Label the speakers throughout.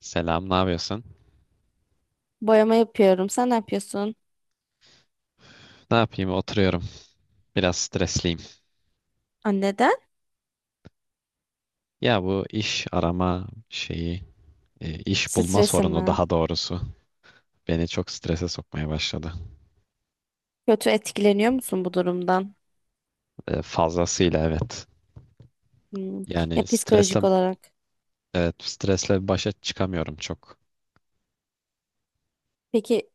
Speaker 1: Selam, ne yapıyorsun?
Speaker 2: Boyama yapıyorum. Sen ne yapıyorsun?
Speaker 1: Ne yapayım? Oturuyorum. Biraz stresliyim.
Speaker 2: Aa, neden?
Speaker 1: Ya bu iş arama iş bulma
Speaker 2: Stresim
Speaker 1: sorunu
Speaker 2: mi?
Speaker 1: daha doğrusu beni çok strese sokmaya başladı.
Speaker 2: Kötü etkileniyor musun bu durumdan?
Speaker 1: Fazlasıyla evet.
Speaker 2: Hmm. Ya
Speaker 1: Yani stresle
Speaker 2: psikolojik olarak.
Speaker 1: Evet, stresle başa çıkamıyorum çok.
Speaker 2: Peki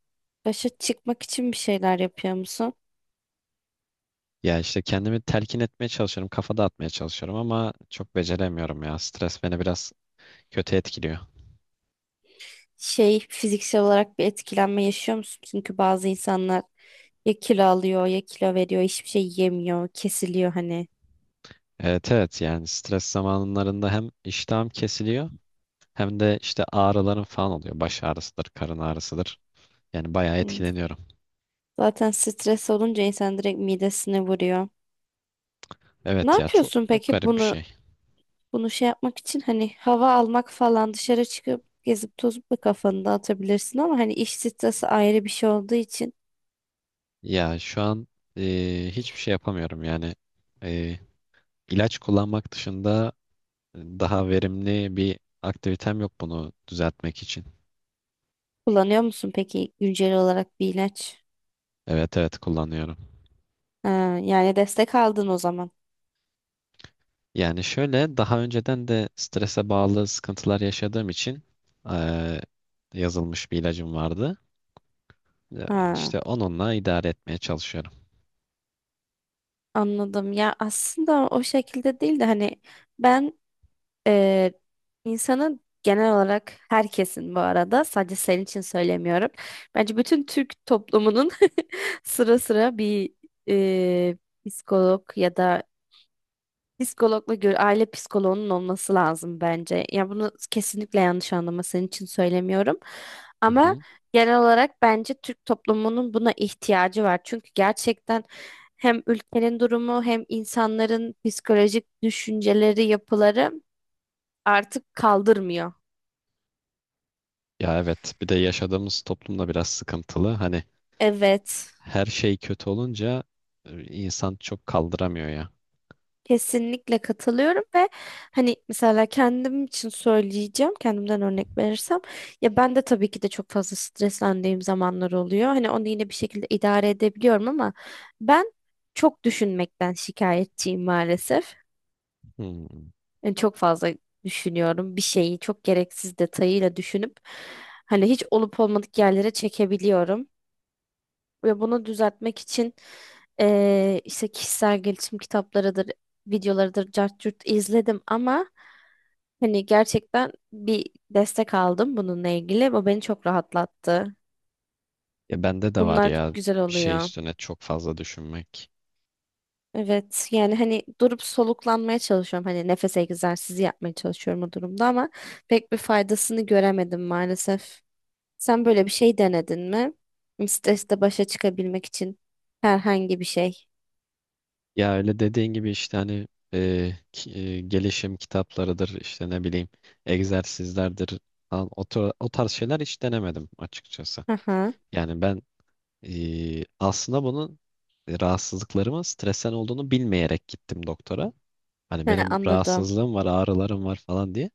Speaker 2: başa çıkmak için bir şeyler yapıyor musun?
Speaker 1: Ya işte kendimi telkin etmeye çalışıyorum, kafa dağıtmaya çalışıyorum ama çok beceremiyorum ya. Stres beni biraz kötü etkiliyor.
Speaker 2: Şey fiziksel olarak bir etkilenme yaşıyor musun? Çünkü bazı insanlar ya kilo alıyor ya kilo veriyor hiçbir şey yemiyor kesiliyor hani.
Speaker 1: Evet evet, yani stres zamanlarında hem iştahım kesiliyor hem de işte ağrılarım falan oluyor. Baş ağrısıdır, karın ağrısıdır. Yani bayağı
Speaker 2: Hmm.
Speaker 1: etkileniyorum.
Speaker 2: Zaten stres olunca insan direkt midesine vuruyor. Ne
Speaker 1: Evet ya, çok
Speaker 2: yapıyorsun
Speaker 1: çok
Speaker 2: peki
Speaker 1: garip bir
Speaker 2: bunu?
Speaker 1: şey.
Speaker 2: Bunu şey yapmak için hani hava almak falan dışarı çıkıp gezip tozup da kafanı dağıtabilirsin ama hani iş stresi ayrı bir şey olduğu için
Speaker 1: Ya şu an hiçbir şey yapamıyorum yani. E, ilaç kullanmak dışında daha verimli bir aktivitem yok bunu düzeltmek için.
Speaker 2: kullanıyor musun peki güncel olarak bir ilaç?
Speaker 1: Evet evet, kullanıyorum.
Speaker 2: Ha, yani destek aldın o zaman.
Speaker 1: Yani şöyle, daha önceden de strese bağlı sıkıntılar yaşadığım için e, yazılmış bir ilacım vardı. Ya,
Speaker 2: Ha,
Speaker 1: işte onunla idare etmeye çalışıyorum.
Speaker 2: anladım. Ya aslında o şekilde değil de hani ben e, insanın genel olarak herkesin bu arada sadece senin için söylemiyorum. Bence bütün Türk toplumunun sıra sıra bir e, psikolog ya da psikologla gör, aile psikoloğunun olması lazım bence. Ya bunu kesinlikle yanlış anlama, senin için söylemiyorum.
Speaker 1: Hı
Speaker 2: Ama
Speaker 1: hı.
Speaker 2: genel olarak bence Türk toplumunun buna ihtiyacı var. Çünkü gerçekten hem ülkenin durumu hem insanların psikolojik düşünceleri, yapıları artık kaldırmıyor.
Speaker 1: Ya evet, bir de yaşadığımız toplumda biraz sıkıntılı. Hani
Speaker 2: Evet.
Speaker 1: her şey kötü olunca insan çok kaldıramıyor ya.
Speaker 2: Kesinlikle katılıyorum ve hani mesela kendim için söyleyeceğim, kendimden örnek verirsem ya ben de tabii ki de çok fazla streslendiğim zamanlar oluyor. Hani onu yine bir şekilde idare edebiliyorum ama ben çok düşünmekten şikayetçiyim maalesef.
Speaker 1: Hmm.
Speaker 2: Yani çok fazla düşünüyorum, bir şeyi çok gereksiz detayıyla düşünüp hani hiç olup olmadık yerlere çekebiliyorum. Ve bunu düzeltmek için işte kişisel gelişim kitaplarıdır, videolarıdır, cart curt izledim ama hani gerçekten bir destek aldım bununla ilgili. Bu beni çok rahatlattı.
Speaker 1: Ya bende de var
Speaker 2: Bunlar
Speaker 1: ya,
Speaker 2: güzel
Speaker 1: bir şey
Speaker 2: oluyor.
Speaker 1: üstüne çok fazla düşünmek.
Speaker 2: Evet, yani hani durup soluklanmaya çalışıyorum. Hani nefes egzersizi yapmaya çalışıyorum o durumda ama pek bir faydasını göremedim maalesef. Sen böyle bir şey denedin mi? Stresle başa çıkabilmek için herhangi bir şey.
Speaker 1: Ya öyle dediğin gibi işte hani, gelişim kitaplarıdır, işte ne bileyim egzersizlerdir falan, o tarz şeyler hiç denemedim açıkçası.
Speaker 2: Aha,
Speaker 1: Yani ben aslında rahatsızlıklarımın stresen olduğunu bilmeyerek gittim doktora. Hani
Speaker 2: he,
Speaker 1: benim
Speaker 2: anladım.
Speaker 1: rahatsızlığım var, ağrılarım var falan diye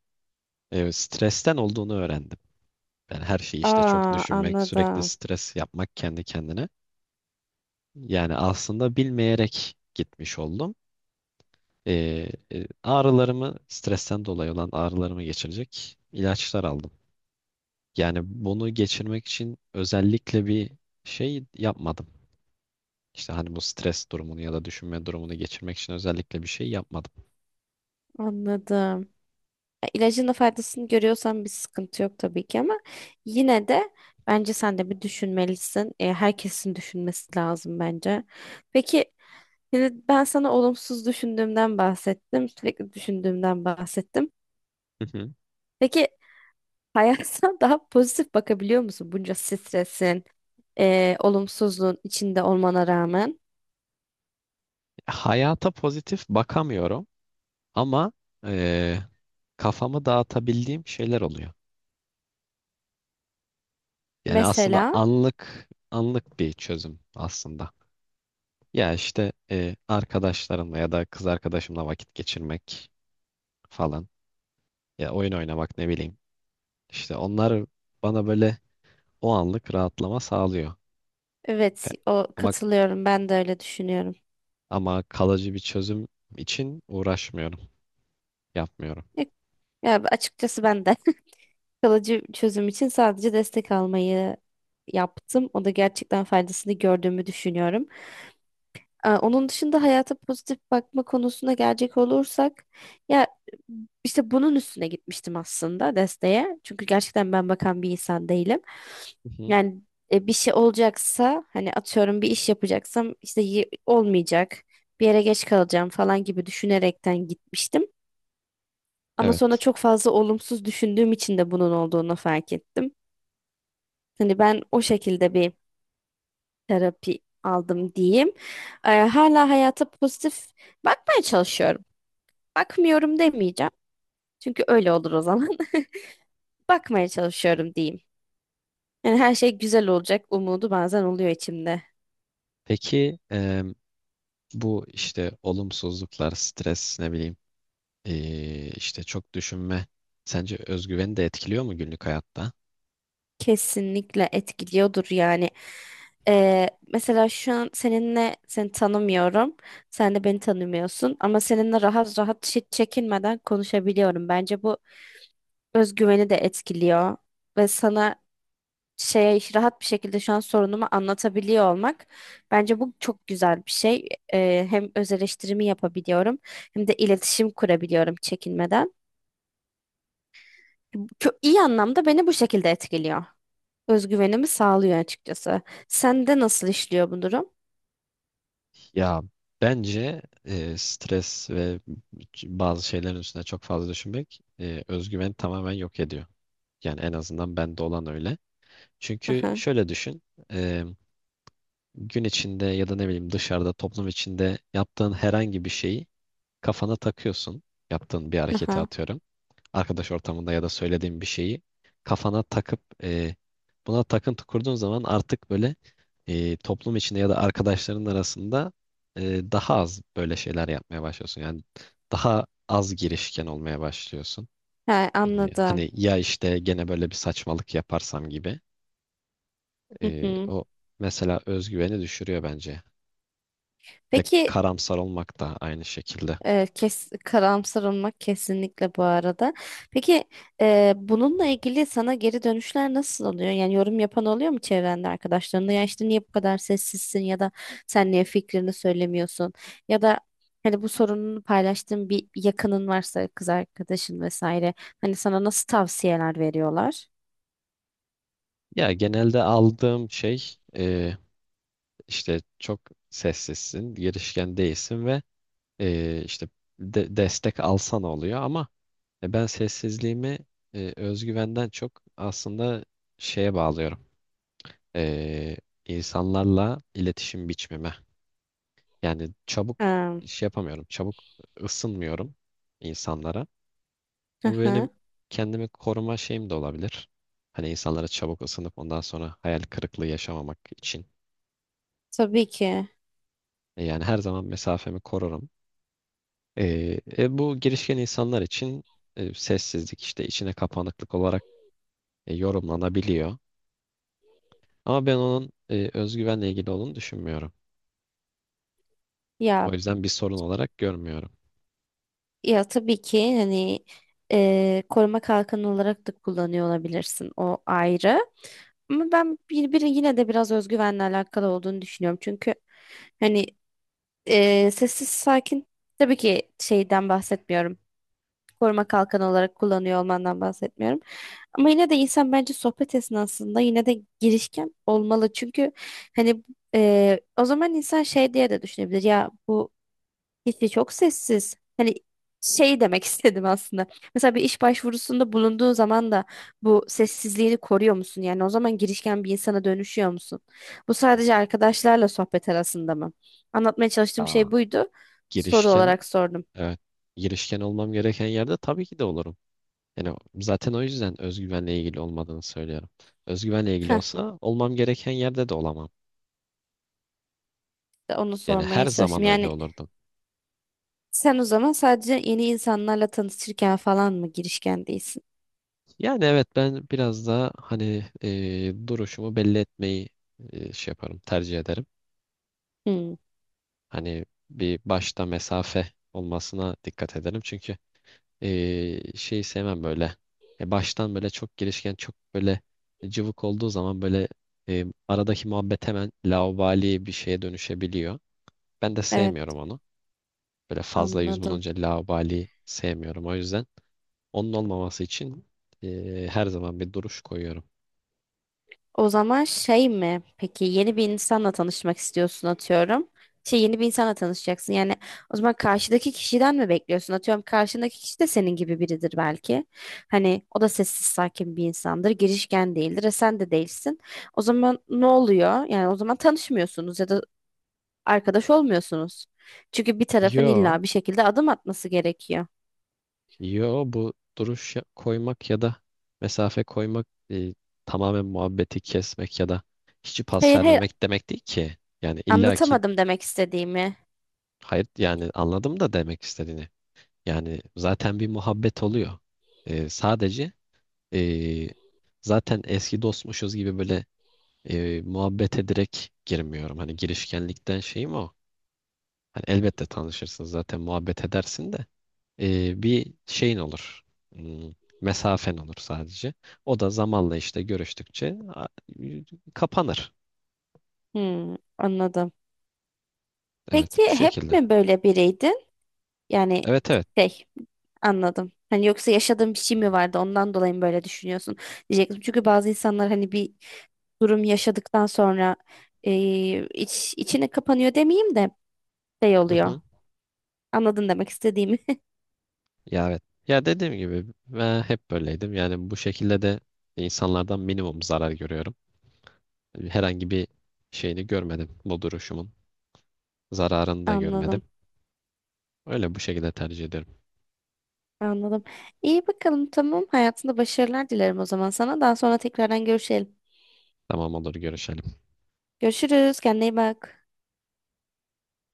Speaker 1: stresten olduğunu öğrendim. Yani her şeyi işte çok
Speaker 2: Aa,
Speaker 1: düşünmek, sürekli
Speaker 2: anladım.
Speaker 1: stres yapmak kendi kendine. Yani aslında bilmeyerek gitmiş oldum. Ee, Ağrılarımı, stresten dolayı olan ağrılarımı geçirecek ilaçlar aldım. Yani bunu geçirmek için özellikle bir şey yapmadım. İşte hani bu stres durumunu ya da düşünme durumunu geçirmek için özellikle bir şey yapmadım.
Speaker 2: Anladım. Ya, İlacın da faydasını görüyorsan bir sıkıntı yok tabii ki ama yine de bence sen de bir düşünmelisin. E, herkesin düşünmesi lazım bence. Peki, şimdi ben sana olumsuz düşündüğümden bahsettim. Sürekli düşündüğümden bahsettim. Peki hayata daha pozitif bakabiliyor musun bunca stresin, olumsuzluğun içinde olmana rağmen?
Speaker 1: Hayata pozitif bakamıyorum ama eee, kafamı dağıtabildiğim şeyler oluyor. Yani aslında
Speaker 2: Mesela
Speaker 1: anlık anlık bir çözüm aslında. Ya işte arkadaşlarımla ya da kız arkadaşımla vakit geçirmek falan. Ya oyun oynamak, ne bileyim. İşte onlar bana böyle o anlık rahatlama sağlıyor. E,
Speaker 2: evet, o
Speaker 1: Ama
Speaker 2: katılıyorum, ben de öyle düşünüyorum.
Speaker 1: ama kalıcı bir çözüm için uğraşmıyorum, yapmıyorum.
Speaker 2: Ya açıkçası ben de kalıcı çözüm için sadece destek almayı yaptım. O da gerçekten faydasını gördüğümü düşünüyorum. Onun dışında hayata pozitif bakma konusuna gelecek olursak ya işte bunun üstüne gitmiştim aslında desteğe. Çünkü gerçekten ben bakan bir insan değilim.
Speaker 1: Hı hı,
Speaker 2: Yani bir şey olacaksa hani atıyorum bir iş yapacaksam olmayacak, bir yere geç kalacağım falan gibi düşünerekten gitmiştim. Ama sonra
Speaker 1: evet.
Speaker 2: çok fazla olumsuz düşündüğüm için de bunun olduğunu fark ettim. Hani ben o şekilde bir terapi aldım diyeyim. Hala hayata pozitif bakmaya çalışıyorum. Bakmıyorum demeyeceğim. Çünkü öyle olur o zaman. Bakmaya çalışıyorum diyeyim. Yani her şey güzel olacak umudu bazen oluyor içimde.
Speaker 1: Peki, bu işte olumsuzluklar, stres, ne bileyim, işte çok düşünme. Sence özgüveni de etkiliyor mu günlük hayatta?
Speaker 2: Kesinlikle etkiliyordur yani. Mesela şu an seninle, seni tanımıyorum. Sen de beni tanımıyorsun ama seninle rahat rahat hiç çekinmeden konuşabiliyorum. Bence bu özgüveni de etkiliyor ve sana şeye rahat bir şekilde şu an sorunumu anlatabiliyor olmak bence bu çok güzel bir şey. Hem öz eleştirimi yapabiliyorum hem de iletişim kurabiliyorum çekinmeden. Çok iyi anlamda beni bu şekilde etkiliyor. Özgüvenimi sağlıyor açıkçası. Sende nasıl işliyor bu durum?
Speaker 1: Ya bence stres ve bazı şeylerin üstüne çok fazla düşünmek özgüveni tamamen yok ediyor. Yani en azından bende olan öyle. Çünkü
Speaker 2: Aha,
Speaker 1: şöyle düşün, eee, gün içinde ya da ne bileyim dışarıda, toplum içinde yaptığın herhangi bir şeyi kafana takıyorsun. Yaptığın bir hareketi
Speaker 2: aha.
Speaker 1: atıyorum, arkadaş ortamında ya da söylediğin bir şeyi kafana takıp buna takıntı kurduğun zaman artık böyle, toplum içinde ya da arkadaşların arasında daha az böyle şeyler yapmaya başlıyorsun. Yani daha az girişken olmaya başlıyorsun.
Speaker 2: Ha, anladım.
Speaker 1: Hani ya, işte gene böyle bir saçmalık yaparsam gibi.
Speaker 2: Hı
Speaker 1: E,
Speaker 2: hı.
Speaker 1: o mesela özgüveni düşürüyor bence. Bir de
Speaker 2: Peki.
Speaker 1: karamsar olmak da aynı şekilde.
Speaker 2: Evet, karamsar olmak kesinlikle, bu arada. Peki, bununla ilgili sana geri dönüşler nasıl oluyor? Yani yorum yapan oluyor mu çevrende, arkadaşlarında? Ya işte niye bu kadar sessizsin ya da sen niye fikrini söylemiyorsun? Ya da hani bu sorununu paylaştığın bir yakının varsa, kız arkadaşın vesaire. Hani sana nasıl tavsiyeler veriyorlar?
Speaker 1: Ya genelde aldığım şey işte çok sessizsin, girişken değilsin ve e, işte de- destek alsan oluyor, ama ben sessizliğimi özgüvenden çok aslında şeye bağlıyorum. E, insanlarla iletişim biçmeme. Yani çabuk
Speaker 2: Ee,
Speaker 1: iş yapamıyorum, çabuk ısınmıyorum insanlara.
Speaker 2: Hı
Speaker 1: Bu benim
Speaker 2: hı.
Speaker 1: kendimi koruma şeyim de olabilir. Hani insanlara çabuk ısınıp ondan sonra hayal kırıklığı yaşamamak için.
Speaker 2: Tabii ki.
Speaker 1: Yani her zaman mesafemi korurum. Bu girişken insanlar için sessizlik, işte içine kapanıklık olarak yorumlanabiliyor. Ama ben onun özgüvenle ilgili olduğunu düşünmüyorum. O
Speaker 2: Ya,
Speaker 1: yüzden bir sorun olarak görmüyorum.
Speaker 2: ya tabii ki hani koruma kalkanı olarak da kullanıyor olabilirsin, o ayrı. Ama ben bir yine de biraz özgüvenle alakalı olduğunu düşünüyorum. Çünkü hani sessiz sakin, tabii ki şeyden bahsetmiyorum. Koruma kalkanı olarak kullanıyor olmandan bahsetmiyorum. Ama yine de insan bence sohbet esnasında yine de girişken olmalı. Çünkü hani o zaman insan şey diye de düşünebilir. Ya bu hiçbir, çok sessiz. Hani şey demek istedim aslında. Mesela bir iş başvurusunda bulunduğun zaman da bu sessizliğini koruyor musun? Yani o zaman girişken bir insana dönüşüyor musun? Bu sadece arkadaşlarla sohbet arasında mı? Anlatmaya çalıştığım
Speaker 1: Aa,
Speaker 2: şey buydu. Soru
Speaker 1: girişken,
Speaker 2: olarak sordum.
Speaker 1: evet, girişken olmam gereken yerde tabii ki de olurum. Yani zaten o yüzden özgüvenle ilgili olmadığını söylüyorum. Özgüvenle ilgili
Speaker 2: Heh,
Speaker 1: olsa olmam gereken yerde de olamam.
Speaker 2: de onu
Speaker 1: Yani her
Speaker 2: sormaya
Speaker 1: zaman
Speaker 2: çalıştım.
Speaker 1: öyle
Speaker 2: Yani
Speaker 1: olurdum.
Speaker 2: sen o zaman sadece yeni insanlarla tanışırken falan mı girişken değilsin?
Speaker 1: Yani evet, ben biraz daha hani duruşumu belli etmeyi şey yaparım, tercih ederim.
Speaker 2: Hmm,
Speaker 1: Hani bir başta mesafe olmasına dikkat ederim. Çünkü şeyi sevmem böyle. Baştan böyle çok girişken, çok böyle cıvık olduğu zaman böyle aradaki muhabbet hemen laubali bir şeye dönüşebiliyor. Ben de
Speaker 2: evet,
Speaker 1: sevmiyorum onu. Böyle fazla yüz
Speaker 2: anladım.
Speaker 1: bulunca laubali sevmiyorum. O yüzden onun olmaması için her zaman bir duruş koyuyorum.
Speaker 2: O zaman şey mi? Peki yeni bir insanla tanışmak istiyorsun, atıyorum. Şey, yeni bir insanla tanışacaksın. Yani o zaman karşıdaki kişiden mi bekliyorsun? Atıyorum karşındaki kişi de senin gibi biridir belki. Hani o da sessiz sakin bir insandır. Girişken değildir. E sen de değilsin. O zaman ne oluyor? Yani o zaman tanışmıyorsunuz ya da arkadaş olmuyorsunuz. Çünkü bir tarafın
Speaker 1: Yo.
Speaker 2: illa bir şekilde adım atması gerekiyor.
Speaker 1: Yo, koymak ya da mesafe koymak tamamen muhabbeti kesmek ya da hiç pas
Speaker 2: Hayır,
Speaker 1: vermemek demek değil ki. Yani illaki,
Speaker 2: anlatamadım demek istediğimi.
Speaker 1: hayır, yani anladım da demek istediğini. Yani zaten bir muhabbet oluyor. Sadece e, zaten eski dostmuşuz gibi böyle muhabbete direkt girmiyorum. Hani girişkenlikten şeyim o. Hani elbette tanışırsın, zaten muhabbet edersin de, bir şeyin olur. Hmm, mesafen olur sadece. O da zamanla, işte görüştükçe kapanır.
Speaker 2: Hmm, anladım. Peki
Speaker 1: Evet, bu
Speaker 2: hep
Speaker 1: şekilde.
Speaker 2: mi böyle biriydi? Yani
Speaker 1: Evet evet.
Speaker 2: şey, anladım. Hani yoksa yaşadığın bir şey mi vardı, ondan dolayı mı böyle düşünüyorsun diyecektim. Çünkü bazı insanlar hani bir durum yaşadıktan sonra içine kapanıyor demeyeyim de şey
Speaker 1: Hı
Speaker 2: oluyor.
Speaker 1: hı.
Speaker 2: Anladın demek istediğimi.
Speaker 1: Ya evet. Ya dediğim gibi, ben hep böyleydim. Yani bu şekilde de insanlardan minimum zarar görüyorum. Herhangi bir şeyini görmedim. Bu duruşumun zararını da
Speaker 2: Anladım.
Speaker 1: görmedim. Öyle, bu şekilde tercih ederim.
Speaker 2: Anladım. İyi bakalım, tamam. Hayatında başarılar dilerim o zaman sana. Daha sonra tekrardan görüşelim.
Speaker 1: Tamam, olur, görüşelim.
Speaker 2: Görüşürüz. Kendine iyi bak.